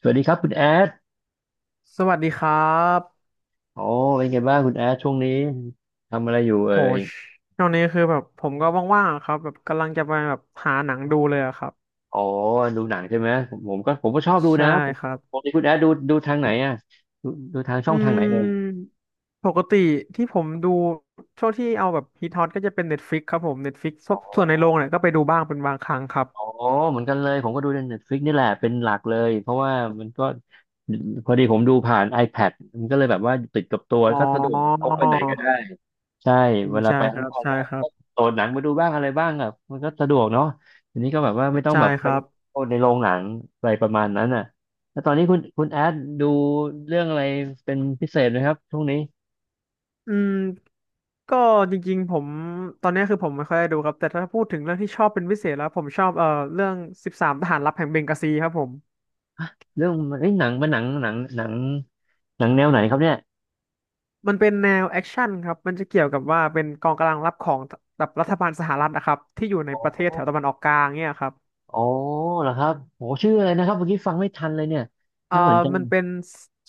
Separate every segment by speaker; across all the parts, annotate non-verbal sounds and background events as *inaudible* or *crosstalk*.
Speaker 1: สวัสดีครับคุณแอด
Speaker 2: สวัสดีครับ
Speaker 1: อ๋อเป็นไงบ้างคุณแอดช่วงนี้ทำอะไรอยู่เอ่
Speaker 2: โห
Speaker 1: ย
Speaker 2: ชช่วงนี้คือแบบผมก็ว่างๆอะครับแบบกำลังจะไปแบบหาหนังดูเลยอะครับ
Speaker 1: อ๋อดูหนังใช่ไหมผมก็ชอบดู
Speaker 2: ใช่
Speaker 1: นะผม
Speaker 2: ครับ
Speaker 1: ปกติคุณแอดดูทางไหนอ่ะดูดูทางช่
Speaker 2: อื
Speaker 1: องทางไหนเอ่ย
Speaker 2: มปกติที่ผมดูช่วงที่เอาแบบฮิตฮอตก็จะเป็น Netflix ครับผม Netflix ส่
Speaker 1: อ
Speaker 2: วนส่วนใน
Speaker 1: อ๋
Speaker 2: โรง
Speaker 1: อ
Speaker 2: เนี่ยก็ไปดูบ้างเป็นบางครั้งครับ
Speaker 1: อ๋อเหมือนกันเลยผมก็ดูใน Netflix นี่แหละเป็นหลักเลยเพราะว่ามันก็พอดีผมดูผ่าน iPad มันก็เลยแบบว่าติดกับตัว
Speaker 2: อ๋อ
Speaker 1: ก็สะดวกพกไปไหนก็ได้ ใช่
Speaker 2: อืม
Speaker 1: เวลา
Speaker 2: ใช่
Speaker 1: ไป
Speaker 2: ค
Speaker 1: ข้าง
Speaker 2: รับ
Speaker 1: นอก
Speaker 2: ใช่
Speaker 1: ก็
Speaker 2: ครั
Speaker 1: ก็
Speaker 2: บ
Speaker 1: โหลดหนังมาดูบ้างอะไรบ้างแบบมันก็สะดวกเนาะทีนี้ก็แบบว่าไม่ต้อง
Speaker 2: ใช่
Speaker 1: แบบ
Speaker 2: ค
Speaker 1: ไป
Speaker 2: รับ
Speaker 1: โหลดในโรงหนังอะไรประมาณนั้นอ่ะแล้วตอนนี้คุณแอดดูเรื่องอะไรเป็นพิเศษไหมครับช่วงนี้
Speaker 2: อืมก็จริงๆผมตอนนี้คือผมไม่ค่อยได้ดูครับแต่ถ้าพูดถึงเรื่องที่ชอบเป็นพิเศษแล้วผมชอบเรื่องสิบสามทหารลับแห่งเบงกาซีครับผม
Speaker 1: เรื่องเอ้ยหนังเป็นหนังแนวไหนครับเนี่ย
Speaker 2: มันเป็นแนวแอคชั่นครับมันจะเกี่ยวกับว่าเป็นกองกำลังรับของแบบรัฐบาลสหรัฐนะครับที่อยู่ใน
Speaker 1: โอ
Speaker 2: ประเทศแถวตะวั
Speaker 1: ้
Speaker 2: นออกกลางเนี่ยครับ
Speaker 1: โอ้เหรอครับโอ้ชื่ออะไรนะครับเมื่อกี้ฟังไม่ทันเลยเนี่ย
Speaker 2: เอ่อ
Speaker 1: น่าสนใจ
Speaker 2: มันเป็น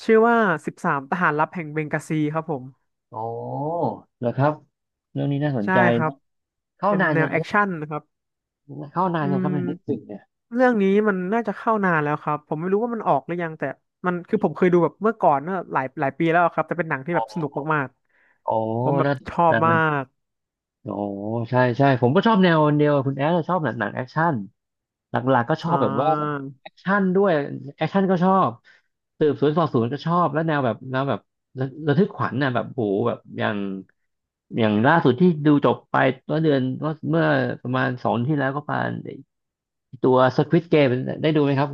Speaker 2: ชื่อว่าสิบสามทหารลับแห่งเบงกาซีครับผม
Speaker 1: โอ้เหรอครับเรื่องนี้น่าสน
Speaker 2: ใช่
Speaker 1: ใจ
Speaker 2: ครับ
Speaker 1: นะเข้า
Speaker 2: เป็น
Speaker 1: นาน
Speaker 2: แน
Speaker 1: ยั
Speaker 2: ว
Speaker 1: ง
Speaker 2: แอ
Speaker 1: เนี่
Speaker 2: คชั่นนะครับ
Speaker 1: ยเข้านาน
Speaker 2: อื
Speaker 1: ยังครับใน Netflix
Speaker 2: ม
Speaker 1: เนี่ย
Speaker 2: เรื่องนี้มันน่าจะเข้านานแล้วครับผมไม่รู้ว่ามันออกหรือยังแต่มันคือผมเคยดูแบบเมื่อก่อนเนอะหลายหลายปีแล้วครับแต่เป็นหนังที่แบบสนุกมาก
Speaker 1: โอ้
Speaker 2: ๆผมแบบ
Speaker 1: น่
Speaker 2: ชอบมา
Speaker 1: า
Speaker 2: ก
Speaker 1: โอ้ใช่ใช่ผมก็ชอบแนวเดียวกับคุณแอดชอบหนังแอคชั่นหลักๆก็ชอบ
Speaker 2: อ่า
Speaker 1: แบบว่าแอคชั่นด้วยแอคชั่นก็ชอบสืบสวนสอบสวนก็ชอบแล้วแนวแบบระทึกขวัญน่ะแบบโหแบบอย่างล่าสุดที่ดูจบไปเมื่อเดือนก็เมื่อประมาณสองที่แล้วก็ประมาณตัว Squid Game ได้ดูไหมครับ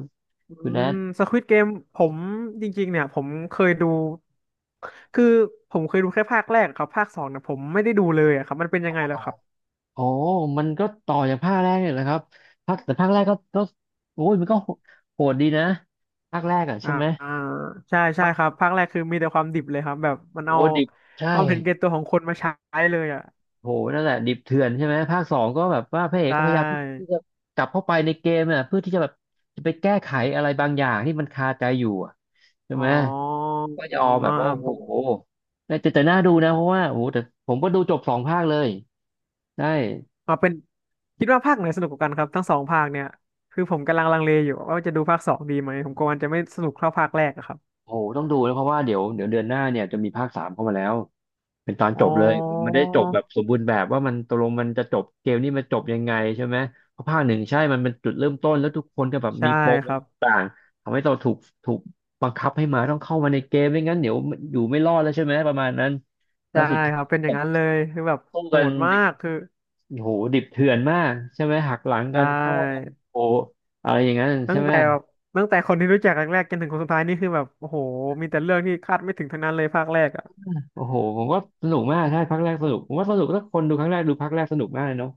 Speaker 2: อื
Speaker 1: คุณแอ
Speaker 2: ม
Speaker 1: ด
Speaker 2: สควิดเกมผมจริงๆเนี่ยคือผมเคยดูแค่ภาคแรกครับภาคสองเนี่ยผมไม่ได้ดูเลยอะครับมันเป็นยั
Speaker 1: โอ้อ
Speaker 2: งไง
Speaker 1: หร
Speaker 2: แล้ว
Speaker 1: อ
Speaker 2: ครับ
Speaker 1: โอ้มันก็ต่อจากภาคแรกเนี่ยแหละครับภาคแต่ภาคแรกก็โอ้ยมันก็โหโหดดีนะภาคแรกอ่ะ
Speaker 2: อ่า
Speaker 1: ใช่ไหม
Speaker 2: อ่าใช่ใช่ครับภาคแรกคือมีแต่ความดิบเลยครับแบบมันเอา
Speaker 1: โอ้ดิบ
Speaker 2: ค
Speaker 1: ใช่
Speaker 2: วามเห็นแก่ตัวของคนมาใช้เลยอ่ะ
Speaker 1: โหนั่นแหละดิบเถื่อนใช่ไหมภาคสองก็แบบว่าพระเอก
Speaker 2: ใช
Speaker 1: ก็พยายามที่
Speaker 2: ่
Speaker 1: จะกลับเข้าไปในเกมอ่ะเพื่อที่จะแบบจะไปแก้ไขอะไรบางอย่างที่มันคาใจอยู่อะใช่
Speaker 2: อ๋อ
Speaker 1: ไหมก็ยอ
Speaker 2: อ๋อ
Speaker 1: มแบ
Speaker 2: อ่า
Speaker 1: บว่าโอ้
Speaker 2: ผ
Speaker 1: โห
Speaker 2: ม
Speaker 1: แต่น่าดูนะเพราะว่าโอ้โหแต่ผมก็ดูจบสองภาคเลยได้
Speaker 2: อ่าเป็นคิดว่าภาคไหนสนุกกว่ากันครับทั้งสองภาคเนี่ยคือผมกำลังลังเลอยู่ว่าจะดูภาคสองดีไหมผมกลัวมันจะไม่สนุกเท่าภาคแรกอะครับ
Speaker 1: โอ้โหต้องดูนะเพราะว่าเดี๋ยวเดือนหน้าเนี่ยจะมีภาคสามเข้ามาแล้ว เป็นตอน
Speaker 2: อ๋
Speaker 1: จ
Speaker 2: อ
Speaker 1: บเลยมันได้จบแบบสมบูรณ์แบบว่ามันตกลงมันจะจบเกมนี้มันจบยังไงใช่ไหมเพราะภาคหนึ่งใช่มันเป็นจุดเริ่มต้นแล้วทุกคนก็แบบมี
Speaker 2: ใช่
Speaker 1: ปม
Speaker 2: ครับ
Speaker 1: ต่างทำให้เราถูกบังคับให้มาต้องเข้ามาในเกมไม่งั้นเดี๋ยวอยู่ไม่รอดแล้วใช่ไหมประมาณนั้นแล้
Speaker 2: ใช่
Speaker 1: วสุดท้า
Speaker 2: ค
Speaker 1: ย
Speaker 2: รับเป็นอย่า
Speaker 1: ก็
Speaker 2: งนั้นเลยคือแบบ
Speaker 1: สู้
Speaker 2: โห
Speaker 1: กัน
Speaker 2: ดมา
Speaker 1: ดิบ
Speaker 2: กคือ
Speaker 1: โอ้โหดิบเถื่อนมากใช่ไหมหักหลัง
Speaker 2: ได
Speaker 1: กันเข้ากัน
Speaker 2: ้
Speaker 1: โอ้โหอะไรอย่างนั้น
Speaker 2: ตั้
Speaker 1: ใช่
Speaker 2: ง
Speaker 1: ไหม
Speaker 2: แต่แบบตั้งแต่คนที่รู้จักครั้งแรกจนถึงคนสุดท้ายนี่คือแบบโอ้โหมีแต่เรื่องที่คาดไม่ถึงทั้งนั้นเลยภาคแรกอ่ะ
Speaker 1: โอ้โหผมก็สนุกมากใช่ภาคแรกสนุกผมว่าสนุกถ้าคนดูครั้งแรกดูภาคแรกสนุกมากเลยเนาะ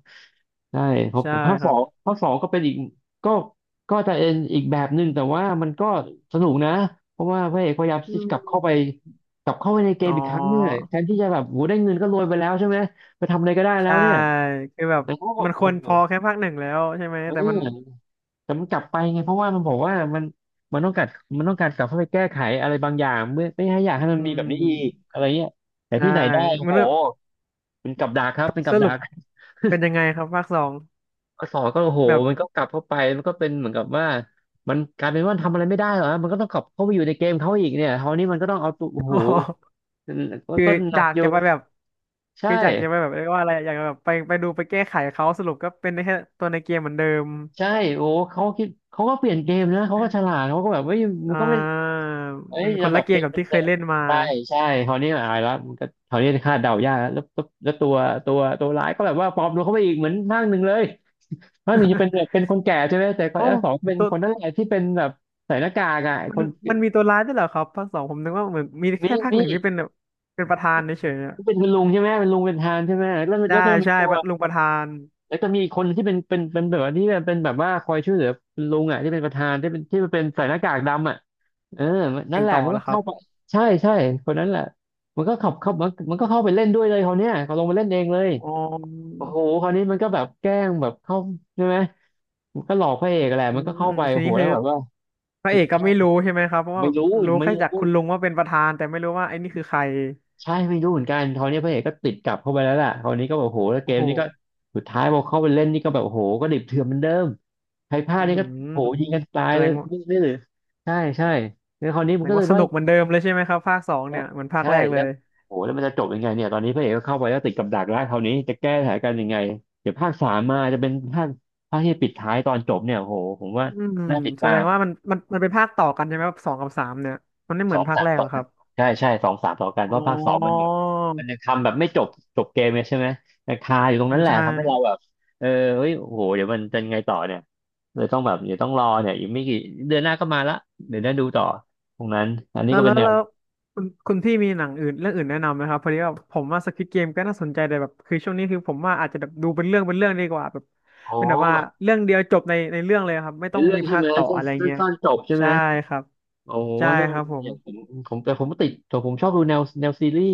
Speaker 1: ใช่ครับ
Speaker 2: ใช่
Speaker 1: แต่ภาค
Speaker 2: ค
Speaker 1: ส
Speaker 2: รั
Speaker 1: อ
Speaker 2: บ
Speaker 1: งภาคสองก็เป็นอีกก็ก็จะเอ็นอีกแบบหนึ่งแต่ว่ามันก็สนุกนะเพราะว่าพระเอกพยายาม
Speaker 2: อื
Speaker 1: ที่จะกลับเข้าไป
Speaker 2: ม
Speaker 1: ในเก
Speaker 2: อ๋
Speaker 1: ม
Speaker 2: อ
Speaker 1: อีกครั้งเนี่ยแทนที่จะแบบโหได้เงินก็รวยไปแล้วใช่ไหมไปทำอะไรก็ได้แล้
Speaker 2: ใช่
Speaker 1: วเนี่ย
Speaker 2: คือแบบ
Speaker 1: แต่เขาก็
Speaker 2: มันค
Speaker 1: โอ้
Speaker 2: วร
Speaker 1: โห
Speaker 2: พอแค่ภาคหนึ่งแล้วใช่ไหม
Speaker 1: เอ
Speaker 2: แต่มัน
Speaker 1: อแต่มันกลับไปไงเพราะว่ามันบอกว่ามันมันต้องการมันต้องการกลับเข้าไปแก้ไขอะไรบางอย่างไม่ให้อยาก
Speaker 2: อื
Speaker 1: ให้มันมีแบบนี้อีก
Speaker 2: ม
Speaker 1: อะไรเงี้ยแต่
Speaker 2: ใช่
Speaker 1: ที่ไหนได้โอ้
Speaker 2: มัน
Speaker 1: โหเป็นกับดักครับเป็น
Speaker 2: ส
Speaker 1: กับดั
Speaker 2: รุป
Speaker 1: ก
Speaker 2: เป็นยังไงครับภาคสอง
Speaker 1: ก็สอนก็โอ้โห
Speaker 2: แบบ
Speaker 1: มันก็กลับเข้าไปมันก็เป็นเหมือนกับว่ามันกลายเป็นว่าทำอะไรไม่ได้เหรอมันก็ต้องกลับเข้าไปอยู่ในเกมเขาอีกเนี่ยคราวนี้มันก็ต้องเอาตัวโอ้โห
Speaker 2: *laughs*
Speaker 1: ก็
Speaker 2: คือ
Speaker 1: ก็หนั
Speaker 2: จา
Speaker 1: ก
Speaker 2: ก
Speaker 1: อยู่
Speaker 2: จะไปแบบ
Speaker 1: ใช่
Speaker 2: คือจากจะไปแบบเรียกว่าอะไรอยากจะแบบไปดูไปแก้ไขเขาสรุปก็เป็นได้แค่ตัวในเกมเหมือนเดิม
Speaker 1: ใช่โอ้เขาคิดเขาก็เปลี่ยนเกมนะเขาก็ฉลาดเขาก็แบบเฮ้ยมัน
Speaker 2: อ่
Speaker 1: ก็ไม่
Speaker 2: า
Speaker 1: เอ้ย
Speaker 2: มันค
Speaker 1: เรา
Speaker 2: น
Speaker 1: แบ
Speaker 2: ละ
Speaker 1: บ
Speaker 2: เก
Speaker 1: เก
Speaker 2: ม
Speaker 1: ม
Speaker 2: กับ
Speaker 1: เด
Speaker 2: ที่เค
Speaker 1: ิ
Speaker 2: ย
Speaker 1: ม
Speaker 2: เล่นมา
Speaker 1: ๆใช่ใช่คราวนี้อายแล้วมันก็คราวนี้คาดเดายากแล้วตัวร้ายก็แบบว่าปลอมตัวเข้าไปอีกเหมือนภาคหนึ่งเลยภาคหนึ่งจะเป็นแบบ
Speaker 2: *laughs*
Speaker 1: เป็นคนแก่ใช่ไหมแต่ภา
Speaker 2: โอ้
Speaker 1: คสองเป็นคนนั่นแหละที่เป็นแบบใส่หน้ากากอ่ะไอ้
Speaker 2: มั
Speaker 1: ค
Speaker 2: น
Speaker 1: น
Speaker 2: มันมีตัวร้ายด้วยเหรอครับภาคสองผมนึกว่าเหมือนมีแค่
Speaker 1: นี่
Speaker 2: ภาคหนึ่
Speaker 1: นี่
Speaker 2: งที่เป็นแบบเป็นประธานเฉยๆอะ
Speaker 1: เป็นคุณลุงใช่ไหมเป็นลุงเป็นทหานใช่ไหมแล้ว
Speaker 2: ใช่
Speaker 1: แล้วก็มี
Speaker 2: ใช่
Speaker 1: ตัว
Speaker 2: ลุงประธาน
Speaker 1: แล้วก็มีอีกคนที่เป็นแบบว่าที่เป็นแบบว่าคอยช่วยเหลือคุณลุงอ่ะที่เป็นประธานที่เป็นใส่หน้ากากดำอ่ะเออนั่
Speaker 2: เก่
Speaker 1: น
Speaker 2: ง
Speaker 1: แหละ
Speaker 2: ต่อ
Speaker 1: มันก็
Speaker 2: แล้วครั
Speaker 1: เข้า
Speaker 2: บ
Speaker 1: ไปใช่ใช่คนนั้นแหละมันก็ขับเข้ามันก็เข้าไปเล่นด้วยเลยเขาวเนี้ยเขาลงมาเล่นเองเลย
Speaker 2: อ๋อ
Speaker 1: โอ้โหคราวนี้มันก็แบบแกล้งแบบเข้าใช่ไหมมันก็หลอกพระเอกแหละ
Speaker 2: อื
Speaker 1: มันก็
Speaker 2: ม
Speaker 1: เข้าไป
Speaker 2: ที
Speaker 1: โอ้โห
Speaker 2: นี้
Speaker 1: แล้
Speaker 2: คือ
Speaker 1: วแบบว่า
Speaker 2: พระเอกก็
Speaker 1: ใช่
Speaker 2: ไม่รู้ใช่ไหมครับเพราะว่า
Speaker 1: ไม่รู้
Speaker 2: รู้
Speaker 1: ไม่
Speaker 2: แค่
Speaker 1: รู้
Speaker 2: จากคุณลุงว่าเป็นประธานแต่ไม่รู้ว่าไอ้นี่คือใคร
Speaker 1: ใช่ไม่รู้เหมือนกันคราวนี้พระเอกก็ติดกลับเข้าไปแล้วล่ะคราวนี้ก็แบบโอ้โหแล้วเก
Speaker 2: โอ้
Speaker 1: ม
Speaker 2: โห
Speaker 1: นี้ก็สุดท้ายพอเข้าไปเล่นนี่ก็แบบโอ้โหก็ดิบเถื่อนเหมือนเดิมใครพลาด
Speaker 2: อื
Speaker 1: นี่ก็
Speaker 2: ม
Speaker 1: โอ้โหยิงกันตาย
Speaker 2: แสด
Speaker 1: เลย
Speaker 2: งว่า
Speaker 1: นี่นี่หรือใช่ใช่แล้วคราวนี้
Speaker 2: แส
Speaker 1: มั
Speaker 2: ด
Speaker 1: นก็
Speaker 2: ง
Speaker 1: เล
Speaker 2: ว่า
Speaker 1: ย
Speaker 2: ส
Speaker 1: ว่า
Speaker 2: นุกเหมือนเดิมเลยใช่ไหมครับภาคสองเนี่ยเหมือนภาค
Speaker 1: ใช่
Speaker 2: แรกเล
Speaker 1: แล้ว
Speaker 2: ย
Speaker 1: โอ้โหแล้วมันจะจบยังไงเนี่ยตอนนี้พระเอกก็เข้าไปแล้วติดกับดักแล้วคราวนี้จะแก้สถานการณ์ยังไงเดี๋ยวภาคสามมาจะเป็นภาคที่ปิดท้ายตอนจบเนี่ยโอ้โหผมว่า
Speaker 2: อืม
Speaker 1: น่าติด
Speaker 2: แส
Speaker 1: ตา
Speaker 2: ด
Speaker 1: ม
Speaker 2: งว่ามันเป็นภาคต่อกันใช่ไหมครับสองกับสามเนี่ยมันไม่เห
Speaker 1: ส
Speaker 2: มือ
Speaker 1: อ
Speaker 2: น
Speaker 1: ง
Speaker 2: ภาค
Speaker 1: สาม
Speaker 2: แรก
Speaker 1: ต่
Speaker 2: ห
Speaker 1: อ
Speaker 2: รอค
Speaker 1: กั
Speaker 2: รั
Speaker 1: น
Speaker 2: บ
Speaker 1: ใช่ใช่สองสามต่อกันเพ
Speaker 2: อ๋
Speaker 1: ราะภาคสองมันเหมื
Speaker 2: อ
Speaker 1: อนมันยังทำแบบไม่จบจบเกมเลยใช่ไหมมันคาอยู่ตรง
Speaker 2: อื
Speaker 1: นั้
Speaker 2: ม
Speaker 1: นแหละ
Speaker 2: ใช่
Speaker 1: ทำให้เราแบบเออเฮ้ยโอ้โหเดี๋ยวมันจะยังไงต่อเนี่ยเลยต้องแบบเดี๋ยวต้องรอเนี่ยอีกไม่กี่เดือนหน้าก็มาละเดี๋ยวได้ดูต่อตรงนั้นอันนี้
Speaker 2: แล้ว
Speaker 1: ก็
Speaker 2: แล้
Speaker 1: เป็น
Speaker 2: ว
Speaker 1: แน
Speaker 2: แล้
Speaker 1: ว
Speaker 2: วคุณพี่มีหนังอื่นเรื่องอื่นแนะนำไหมครับพอดีว่าผมว่าสควิดเกมก็น่าสนใจแต่แบบคือช่วงนี้คือผมว่าอาจจะแบบดูเป็นเรื่องเป็นเรื่องดีกว่าแบบ
Speaker 1: อ๋อ
Speaker 2: เป็นแบบว่า
Speaker 1: แบบ
Speaker 2: เรื่องเดียวจบในในเรื่องเลยครับไม่
Speaker 1: เป็
Speaker 2: ต้อ
Speaker 1: น
Speaker 2: ง
Speaker 1: เรื่อ
Speaker 2: มี
Speaker 1: งใช่
Speaker 2: ภา
Speaker 1: ไห
Speaker 2: ค
Speaker 1: ม
Speaker 2: ต่อ
Speaker 1: สั้น
Speaker 2: อะไร
Speaker 1: สั้น
Speaker 2: เงี้ย
Speaker 1: สั้นจบใช่ไหม
Speaker 2: ใช่ครับ
Speaker 1: โอ้โห
Speaker 2: ใช่
Speaker 1: นั่น
Speaker 2: ครับผ
Speaker 1: อ
Speaker 2: ม
Speaker 1: ย่างผมแต่ผมติดแต่ผมชอบดูแนวแนวซีรีส์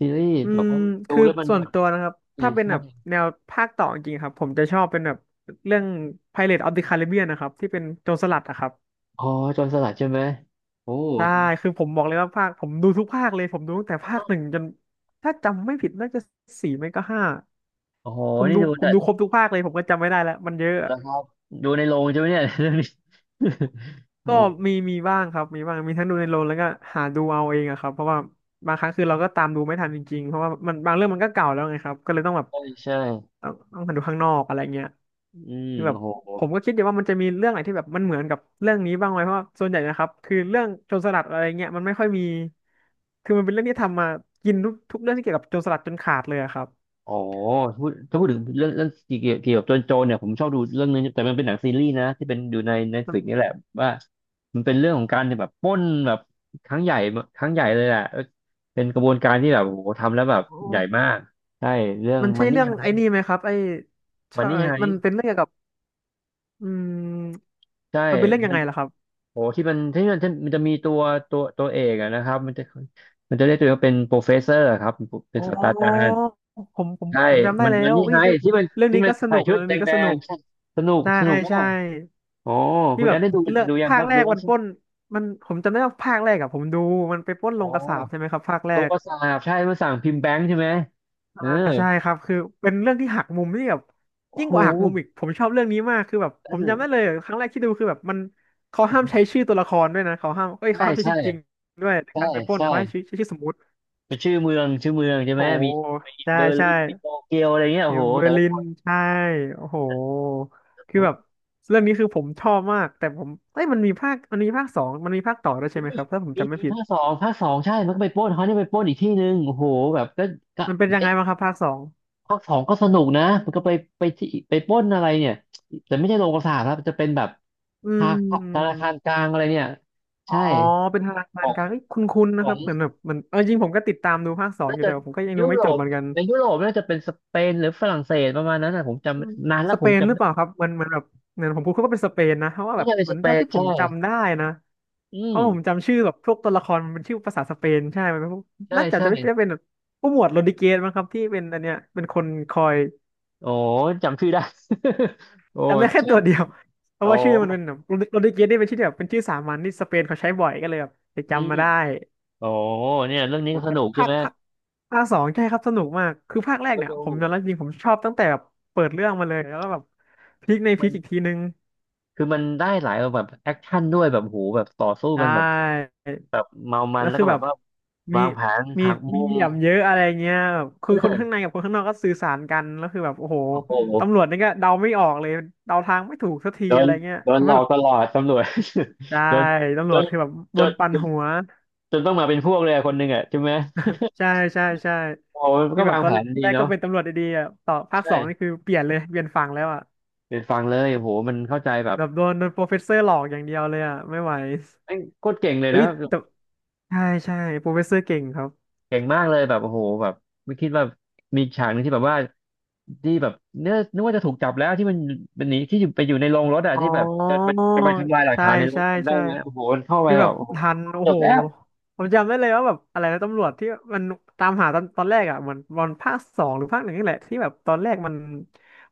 Speaker 1: ซีรีส์
Speaker 2: อื
Speaker 1: แบบ
Speaker 2: ม
Speaker 1: ว่าดู
Speaker 2: คือ
Speaker 1: แล้วมัน
Speaker 2: ส่ว
Speaker 1: แบ
Speaker 2: น
Speaker 1: บ
Speaker 2: ตัวนะครับ
Speaker 1: เออ
Speaker 2: ถ้าเป็นแบบ
Speaker 1: ใช่
Speaker 2: แนวภาคต่อจริงๆครับผมจะชอบเป็นแบบเรื่อง Pirates of the Caribbean นะครับที่เป็นโจรสลัดอะครับ
Speaker 1: อ๋อจนสลัดใช่ไหมโอ้
Speaker 2: ได้คือผมบอกเลยว่าภาคผมดูทุกภาคเลยผมดูตั้งแต่ภาคหนึ่งจนถ้าจำไม่ผิดน่าจะสี่ไม่ก็ห้า
Speaker 1: โอ้โห
Speaker 2: ผม
Speaker 1: นี่
Speaker 2: ดู
Speaker 1: ดู
Speaker 2: ผมดูคร
Speaker 1: แต่
Speaker 2: บทุกภาคเลยผมก็จำไม่ได้แล้วมันเยอะ
Speaker 1: แล้วครับดูในโรงใช่ไหมเนี่ย *laughs* เรื่องนี้ *laughs* โอ้
Speaker 2: ก็มีบ้างครับมีบ้างมีทั้งดูในโรงแล้วก็หาดูเอาเองอะครับเพราะว่าบางครั้งคือเราก็ตามดูไม่ทันจริงๆเพราะว่ามันบางเรื่องมันก็เก่าแล้วไงครับก็เลยต้องแบบ
Speaker 1: ใช่ใช่
Speaker 2: ต้องหาดูข้างนอกอะไรเงี้ย
Speaker 1: อืม
Speaker 2: คือแบบ
Speaker 1: โอ้โห
Speaker 2: ผมก็คิดอยู่ว่ามันจะมีเรื่องไหนที่แบบมันเหมือนกับเรื่องนี้บ้างไหมเพราะว่าส่วนใหญ่นะครับคือเรื่องโจรสลัดอะไรเงี้ยมันไม่ค่อยมีคือมันเป็นเรื่องที่ทำมากินทุกเรื่องที่เกี่ยวกับโจรสลัดจนขาดเลยอะครับ
Speaker 1: โอ้โหพูดถ้าพูดถึงเรื่องเรื่องเกี่ยวเกี่ยวกับโจรโจรเนี่ยผมชอบดูเรื่องนึงแต่มันเป็นหนังซีรีส์นะที่เป็นอยู่ในใน
Speaker 2: มัน
Speaker 1: ฟิกนี่แหละว่ามันเป็นเรื่องของการแบบปล้นแบบครั้งใหญ่ครั้งใหญ่เลยแหละเออเป็นกระบวนการที่แบบโอ้โหทำแล้วแบบใหญ่
Speaker 2: โอ
Speaker 1: มากใช่เรื่อง
Speaker 2: มัน
Speaker 1: มั
Speaker 2: ใช่
Speaker 1: นนี่
Speaker 2: เรื่องไอ้นี่
Speaker 1: ไฮ
Speaker 2: ไหมครับไอ้
Speaker 1: มัน
Speaker 2: ใช่
Speaker 1: นี่ไฮ
Speaker 2: มันเป็นเรื่องเกี่ยวกับอืม
Speaker 1: ใช่
Speaker 2: มันเป็นเรื่องยังไงล่ะครับ
Speaker 1: โอ้ที่มันจะมีตัวตัวเอกอะนะครับมันจะเรียกตัวเองว่าเป็นโปรเฟสเซอร์ครับเป็น
Speaker 2: อ๋
Speaker 1: ศาสตราจาร
Speaker 2: อ
Speaker 1: ย์
Speaker 2: ผมผม
Speaker 1: ใช่
Speaker 2: ผมจำได้
Speaker 1: มัน
Speaker 2: แล้
Speaker 1: มัน
Speaker 2: ว
Speaker 1: นี่
Speaker 2: อุ้ย
Speaker 1: ไงที่มัน
Speaker 2: เรื่อง
Speaker 1: ที่
Speaker 2: นี้
Speaker 1: มัน
Speaker 2: ก็ส
Speaker 1: ใส่
Speaker 2: นุก
Speaker 1: ชุด
Speaker 2: เรื่อง
Speaker 1: แด
Speaker 2: นี้ก็สนุ
Speaker 1: ง
Speaker 2: ก
Speaker 1: ๆใช่สนุก
Speaker 2: ใช่
Speaker 1: สนุกมา
Speaker 2: ใช่
Speaker 1: กโอ้คุ
Speaker 2: ที่
Speaker 1: ณ
Speaker 2: แบ
Speaker 1: แอน
Speaker 2: บ
Speaker 1: ได้ดู
Speaker 2: เลือก
Speaker 1: ดูยัง
Speaker 2: ภา
Speaker 1: ค
Speaker 2: ค
Speaker 1: รับ
Speaker 2: แร
Speaker 1: ดู
Speaker 2: ก
Speaker 1: แล้ว
Speaker 2: วัน
Speaker 1: ใช่
Speaker 2: ป
Speaker 1: ไหม
Speaker 2: ล้นมันผมจำได้ว่าภาคแรกอะผมดูมันไปปล้น
Speaker 1: โอ้
Speaker 2: โรงกษาปใช่ไหมครับภาคแร
Speaker 1: ตัว
Speaker 2: ก
Speaker 1: ประสาบใช่มาสั่งพิมพ์แบงค์ใช่ไหมเออ
Speaker 2: อ่าใช่ครับคือเป็นเรื่องที่หักมุมที่แบบ
Speaker 1: โอ้
Speaker 2: ยิ่ง
Speaker 1: โห
Speaker 2: กว่าหักมุมอีกผมชอบเรื่องนี้มากคือแบบ
Speaker 1: เอ
Speaker 2: ผมจำได้เล
Speaker 1: อ
Speaker 2: ยครั้งแรกที่ดูคือแบบมันเขาห้ามใช้ชื่อตัวละครด้วยนะเขาห้ามเอ้ยเขา
Speaker 1: ใช่
Speaker 2: ห้ามใช้
Speaker 1: ใช่
Speaker 2: ชื่อจริงด้วยใน
Speaker 1: ใช่
Speaker 2: การไปปล้น
Speaker 1: ใช่
Speaker 2: เขาให้ชื่อใชชื่อสมมุติ
Speaker 1: เป็นชื่อเมืองชื่อเมืองใช่ไหม
Speaker 2: โอ้โห
Speaker 1: มีมี
Speaker 2: ใช่
Speaker 1: เบอร์
Speaker 2: ใช่
Speaker 1: ลินมีโตเกียวอะไรเงี้ยโอ้โห
Speaker 2: เบอ
Speaker 1: แต่
Speaker 2: ร์
Speaker 1: ละ
Speaker 2: ลิ
Speaker 1: ค
Speaker 2: น
Speaker 1: น
Speaker 2: ใช่โอ้โหคือแบบเรื่องนี้คือผมชอบมากแต่ผมเอ้ยมันมีภาคมันมีภาคสองมันมีภาคต่อด้วยใช่
Speaker 1: มี
Speaker 2: ไหมครับถ้าผม
Speaker 1: มี
Speaker 2: จำไม่
Speaker 1: มี
Speaker 2: ผิด
Speaker 1: ภาคสองภาคสองใช่มันก็ไปปล้นเขาเนี่ยไปปล้นอีกที่หนึ่งโอ้โหแบบก็
Speaker 2: มันเป็นยังไง
Speaker 1: เอ๊ะ
Speaker 2: บ้างครับภาคสอง
Speaker 1: ภาคสองก็สนุกนะมันก็ไปไปที่ไปปล้นอะไรเนี่ยแต่ไม่ใช่โรงกษาครับจะเป็นแบบ
Speaker 2: อื
Speaker 1: ธนาคารธนา
Speaker 2: ม
Speaker 1: คารกลางอะไรเนี่ย
Speaker 2: อ๋อ
Speaker 1: ใช่
Speaker 2: เป็นทางการก
Speaker 1: ของ
Speaker 2: ลางเอ้ยคุ้นๆ
Speaker 1: ข
Speaker 2: นะค
Speaker 1: อ
Speaker 2: รั
Speaker 1: ง
Speaker 2: บเหมือนแบบมันเอาจริงผมก็ติดตามดูภาคสอง
Speaker 1: น่า
Speaker 2: อยู่
Speaker 1: จะ
Speaker 2: แต่ว่าผมก็ยัง
Speaker 1: ยุ
Speaker 2: ดูไม่
Speaker 1: โร
Speaker 2: จบ
Speaker 1: ป
Speaker 2: เหมือนกัน
Speaker 1: ในยุโรปน่าจะเป็นสเปนหรือฝรั่งเศสประมาณนั้นนะผมจ
Speaker 2: อืม
Speaker 1: ำนานแล้
Speaker 2: ส
Speaker 1: วผ
Speaker 2: เป
Speaker 1: ม
Speaker 2: นห
Speaker 1: จำ
Speaker 2: รือ
Speaker 1: ไม่
Speaker 2: เปล่าครับมันแบบเหมือนผมพูดเขาก็เป็นสเปนนะเพราะว่า
Speaker 1: น่า
Speaker 2: แบบ
Speaker 1: จะเป็น
Speaker 2: เหมื
Speaker 1: ส
Speaker 2: อน
Speaker 1: เป
Speaker 2: เท่า
Speaker 1: น
Speaker 2: ที่ผ
Speaker 1: ใช่
Speaker 2: มจำได้นะ
Speaker 1: อื
Speaker 2: เพ
Speaker 1: ม
Speaker 2: ราะผมจำชื่อแบบพวกตัวละครมันเป็นชื่อภาษาสเปนใช่มันเป็นพวก
Speaker 1: ใช่
Speaker 2: น่าจะ
Speaker 1: ใช่
Speaker 2: จะไม่ได้เป็นแบบผู้หมวดโรดริเกสมั้งครับที่เป็นอันเนี้ยเป็นคนคอย
Speaker 1: โอ้จำชื่อได้ *laughs* โอ้
Speaker 2: จำได้แค่
Speaker 1: ใช่
Speaker 2: ตัวเดียว *laughs* เพ
Speaker 1: โอ้
Speaker 2: ราะว่าชื่อมันเป็นแบบโรดริเกสนี่เป็นชื่อที่แบบเป็นชื่อสามัญที่สเปนเขาใช้บ่อยก็เลยแบบไป
Speaker 1: อื
Speaker 2: จำมา
Speaker 1: ม
Speaker 2: ได้
Speaker 1: โอ้เนี่ยเรื่องนี้
Speaker 2: โอ้
Speaker 1: ก็ส
Speaker 2: แต่
Speaker 1: นุกใช่
Speaker 2: ภาค
Speaker 1: ไหม
Speaker 2: ภาคภาคสองใช่ครับสนุกมากคือภาคแรก
Speaker 1: ก
Speaker 2: เนี่ย
Speaker 1: ดู
Speaker 2: ผมยอมรับจริงผมชอบตั้งแต่แบบเปิดเรื่องมาเลยแล้วก็แบบพลิกในพ
Speaker 1: มั
Speaker 2: ลิก
Speaker 1: น
Speaker 2: อีกทีนึง
Speaker 1: คือมันได้หลายแบบแอคชั่นด้วยแบบโหแบบต่อสู้
Speaker 2: ใช
Speaker 1: กันแบบ
Speaker 2: ่
Speaker 1: แบบเมามัน
Speaker 2: แล้ว
Speaker 1: แล้ว
Speaker 2: คือ
Speaker 1: ก็แบ
Speaker 2: แบ
Speaker 1: บ
Speaker 2: บ
Speaker 1: ว่า
Speaker 2: มี
Speaker 1: วางแผน
Speaker 2: มี
Speaker 1: หักมุ
Speaker 2: มีเห
Speaker 1: ม
Speaker 2: ลี่ยมเยอะอะไรเงี้ยแบบคื
Speaker 1: เอ
Speaker 2: อคนข้าง
Speaker 1: อ
Speaker 2: ในกับคนข้างนอกก็สื่อสารกันแล้วคือแบบโอ้โห
Speaker 1: โอ้โห
Speaker 2: ตำรวจนี่ก็เดาไม่ออกเลยเดาทางไม่ถูกสักที
Speaker 1: โด
Speaker 2: อะ
Speaker 1: น
Speaker 2: ไรเงี้ย
Speaker 1: โดน
Speaker 2: ทำ
Speaker 1: หล
Speaker 2: ให้
Speaker 1: อ
Speaker 2: แบ
Speaker 1: ก
Speaker 2: บ
Speaker 1: ตลอดตำรวจ
Speaker 2: ใช่
Speaker 1: *laughs* โดน
Speaker 2: ตำ
Speaker 1: จ
Speaker 2: รวจ
Speaker 1: น
Speaker 2: คือแบบ
Speaker 1: จ
Speaker 2: โดน
Speaker 1: น
Speaker 2: ปั่นหัว
Speaker 1: จนต้องมาเป็นพวกเลยอะคนหนึ่งอ่ะใช่ไหม
Speaker 2: ใช่ใช่
Speaker 1: โอ้โหมัน
Speaker 2: คือ
Speaker 1: ก็
Speaker 2: แบ
Speaker 1: วา
Speaker 2: บ
Speaker 1: ง
Speaker 2: ตอ
Speaker 1: แผ
Speaker 2: น
Speaker 1: นดี
Speaker 2: แรกก็
Speaker 1: เนาะ
Speaker 2: เป็นตำรวจดีๆอ่ะต่อภาคสองนี่
Speaker 1: ใช่
Speaker 2: คือเปลี่ยนเลยเปลี่ยนฝั่งแล้วอ่ะ
Speaker 1: เป็นฟังเลยโอ้โหมันเข้าใจแบบ
Speaker 2: แบบโดนโปรเฟสเซอร์หลอกอย่างเดียวเลยอ่ะไม่ไหว
Speaker 1: แม่งโคตรเก่งเลย
Speaker 2: เอ้
Speaker 1: นะ
Speaker 2: ยแต่ใช่ใช่โปรเฟสเซอร์เก่งครับ
Speaker 1: เก่งมากเลยแบบโอ้โหแบบไม่คิดว่ามีฉากหนึงที่แบบว่าที่แบบเนื้อนึกว่าจะถูกจับแล้วที่มันหนีที่อยู่ไปอยู่ในโรงรถอะ
Speaker 2: อ๋อ
Speaker 1: ที่แบบจะไปทำลายหลัก
Speaker 2: ใช่
Speaker 1: ฐานในรถ
Speaker 2: ใช่
Speaker 1: จำได้
Speaker 2: ใช่
Speaker 1: ไหมโอ้โหมันเข้าไป
Speaker 2: คือแบ
Speaker 1: แบ
Speaker 2: บ
Speaker 1: บโอ้โห
Speaker 2: ทันโอ้
Speaker 1: จบ
Speaker 2: โห
Speaker 1: แล้ว
Speaker 2: ผมจำได้เลยว่าแบบอะไรนะตำรวจที่มันตามหาตอนแรกอ่ะเหมือนตอนภาคสองหรือภาคหนึ่งนี่แหละที่แบบตอนแรกมัน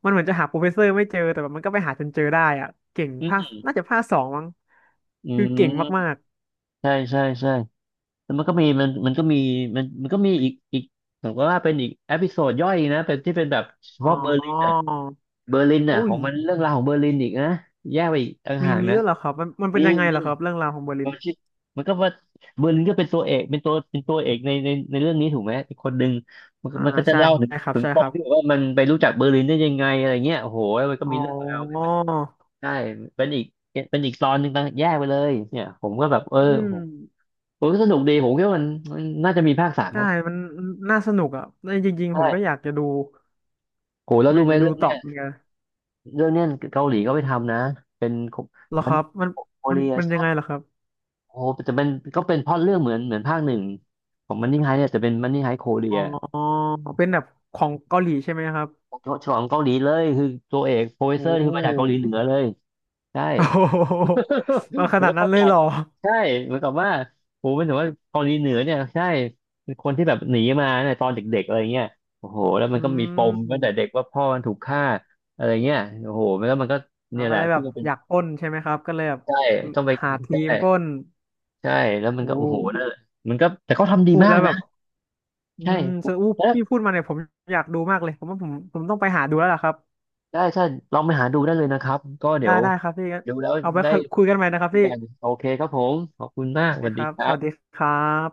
Speaker 2: มันเหมือนจะหาโปรเฟสเซอร์ไม่เจอแต่แบบมันก็ไปหาจนเจอได้อ่ะเก่ง
Speaker 1: อื
Speaker 2: ภาค
Speaker 1: ม
Speaker 2: น่าจะภาคสองมั้งคือเก่ง
Speaker 1: อ
Speaker 2: มาก
Speaker 1: ใช่ใช่ใช่แล้วมันก็มีมันก็มีมันก็มีอีกอีกผมก็ว่าเป็นอีกเอพิโซดย่อยนะเป็นที่เป็นแบบเฉ
Speaker 2: ๆอ๋
Speaker 1: พาะเบอร์ลิน
Speaker 2: อ
Speaker 1: อะเบอร์ลินอะ
Speaker 2: อุ้
Speaker 1: ขอ
Speaker 2: ย
Speaker 1: งมันเรื่องราวของเบอร์ลินอีกนะแยกไปอีกต่าง
Speaker 2: มี
Speaker 1: หาก
Speaker 2: มี
Speaker 1: นะ
Speaker 2: ด้วยเหรอครับมันเป็น
Speaker 1: นี่
Speaker 2: ยังไงเหรอครับเรื่องราวของเบอร์ลิ
Speaker 1: มั
Speaker 2: น
Speaker 1: นชิมันก็ว่าเบอร์ลินก็เป็นตัวเอกเป็นตัวเป็นตัวเอกในเรื่องนี้ถูกไหมอีกคนหนึ่งมันก็
Speaker 2: อ่า
Speaker 1: มันก็จะ
Speaker 2: ใช่
Speaker 1: เล่าถึง
Speaker 2: ครับ
Speaker 1: ถึง
Speaker 2: ใช่
Speaker 1: ป
Speaker 2: ค
Speaker 1: ม
Speaker 2: รับ
Speaker 1: ที่แบบว่ามันไปรู้จักเบอร์ลินได้ยังไงอะไรเงี้ยโอ้โหมันก็
Speaker 2: อ๋
Speaker 1: มี
Speaker 2: อ
Speaker 1: เรื่องราวใช่ เป็นอีกเป็นอีกตอนหนึ่งต่างแยกไปเลยเนี่ยผมก็แบบเออ
Speaker 2: อืม
Speaker 1: ผมผมก็สนุกดีผมคิดว่ามันน่าจะมีภาคสามเพ
Speaker 2: ใช่
Speaker 1: ราะ
Speaker 2: มันน่าสนุกอ่ะแต่จริงๆผมก็อ
Speaker 1: ใช่
Speaker 2: ยากจะดู
Speaker 1: โห
Speaker 2: ผ
Speaker 1: แล้ว
Speaker 2: มอ
Speaker 1: รู้
Speaker 2: ยาก
Speaker 1: ไหม
Speaker 2: จะดู
Speaker 1: เรื่อง
Speaker 2: ต่
Speaker 1: เนี้
Speaker 2: อ
Speaker 1: ย
Speaker 2: เหมือนกัน
Speaker 1: เรื่องเนี้ยเกาหลีก็ไปทำนะเป็น
Speaker 2: เหรอ
Speaker 1: มั
Speaker 2: ค
Speaker 1: น
Speaker 2: รับมัน
Speaker 1: โค
Speaker 2: มัน
Speaker 1: เรีย
Speaker 2: มันยั
Speaker 1: ใช่
Speaker 2: งไงเหรอครับ
Speaker 1: โอ้โหแต่เป็นก็เป็นพล็อตเรื่องเหมือนเหมือนภาคหนึ่งของมันนี่ไฮเนี่ยแต่เป็นมันนี่ไฮโคเรี
Speaker 2: อ๋
Speaker 1: ย
Speaker 2: อเป็นแบบของเกาหลีใช่ไหมครับ
Speaker 1: ฉลองเกาหลีเลยคือตัวเอกโปรเฟส
Speaker 2: โอ้
Speaker 1: เซอร์คือมาจากเกาหลีเหนือเลยใช่
Speaker 2: *laughs* โอ้โหมา
Speaker 1: *laughs*
Speaker 2: ข
Speaker 1: มัน
Speaker 2: นาด
Speaker 1: ก็
Speaker 2: นั้น
Speaker 1: เข้า
Speaker 2: เล
Speaker 1: ใจ
Speaker 2: ยเหรอ
Speaker 1: ใช่เหมือนกับว่าผมเป็นถึงว่าเกาหลีเหนือเนี่ยใช่เป็นคนที่แบบหนีมาเนี่ยตอนเด็กๆอะไรเงี้ยโอ้โหแล้วมั
Speaker 2: อื
Speaker 1: นก็มีปมตั้งแต่เด็ก
Speaker 2: ม
Speaker 1: ว่าพ่อมันถูกฆ่าอะไรเงี้ยโอ้โหมันก็
Speaker 2: เรา
Speaker 1: เนี่ย
Speaker 2: ก็
Speaker 1: แหละ
Speaker 2: เลยแบ
Speaker 1: คือ
Speaker 2: บ
Speaker 1: มันเป็น
Speaker 2: อยากปล้นใช่ไหมครับก็เลยแบบ
Speaker 1: ใช่ต้องไป
Speaker 2: หาที
Speaker 1: ใช่
Speaker 2: มปล้น
Speaker 1: ใช่แล้วมัน
Speaker 2: โอ้
Speaker 1: ก็โอ้โหนั่นแหละมันก็แต่เขาทำดี
Speaker 2: พูด
Speaker 1: มา
Speaker 2: แล้
Speaker 1: ก
Speaker 2: วแบ
Speaker 1: นะ
Speaker 2: บอื
Speaker 1: ใช่
Speaker 2: มสะอู้
Speaker 1: แล้ว
Speaker 2: พี่พูดมาเนี่ยผมอยากดูมากเลยผมว่าผมต้องไปหาดูแล้วล่ะครับ
Speaker 1: ได้ใช่ลองไปหาดูได้เลยนะครับก็เดี๋
Speaker 2: ได้
Speaker 1: ยว
Speaker 2: ได้ครับพี่งั้น
Speaker 1: ดูแล้ว
Speaker 2: เอาไว้
Speaker 1: ได้
Speaker 2: คุยกันใหม่นะครับพี่
Speaker 1: กันโอเคครับผมขอบคุณมา
Speaker 2: โอ
Speaker 1: กส
Speaker 2: เค
Speaker 1: วัส
Speaker 2: ค
Speaker 1: ดี
Speaker 2: รับ
Speaker 1: ค
Speaker 2: ส
Speaker 1: รั
Speaker 2: วัสดี
Speaker 1: บ
Speaker 2: ครับ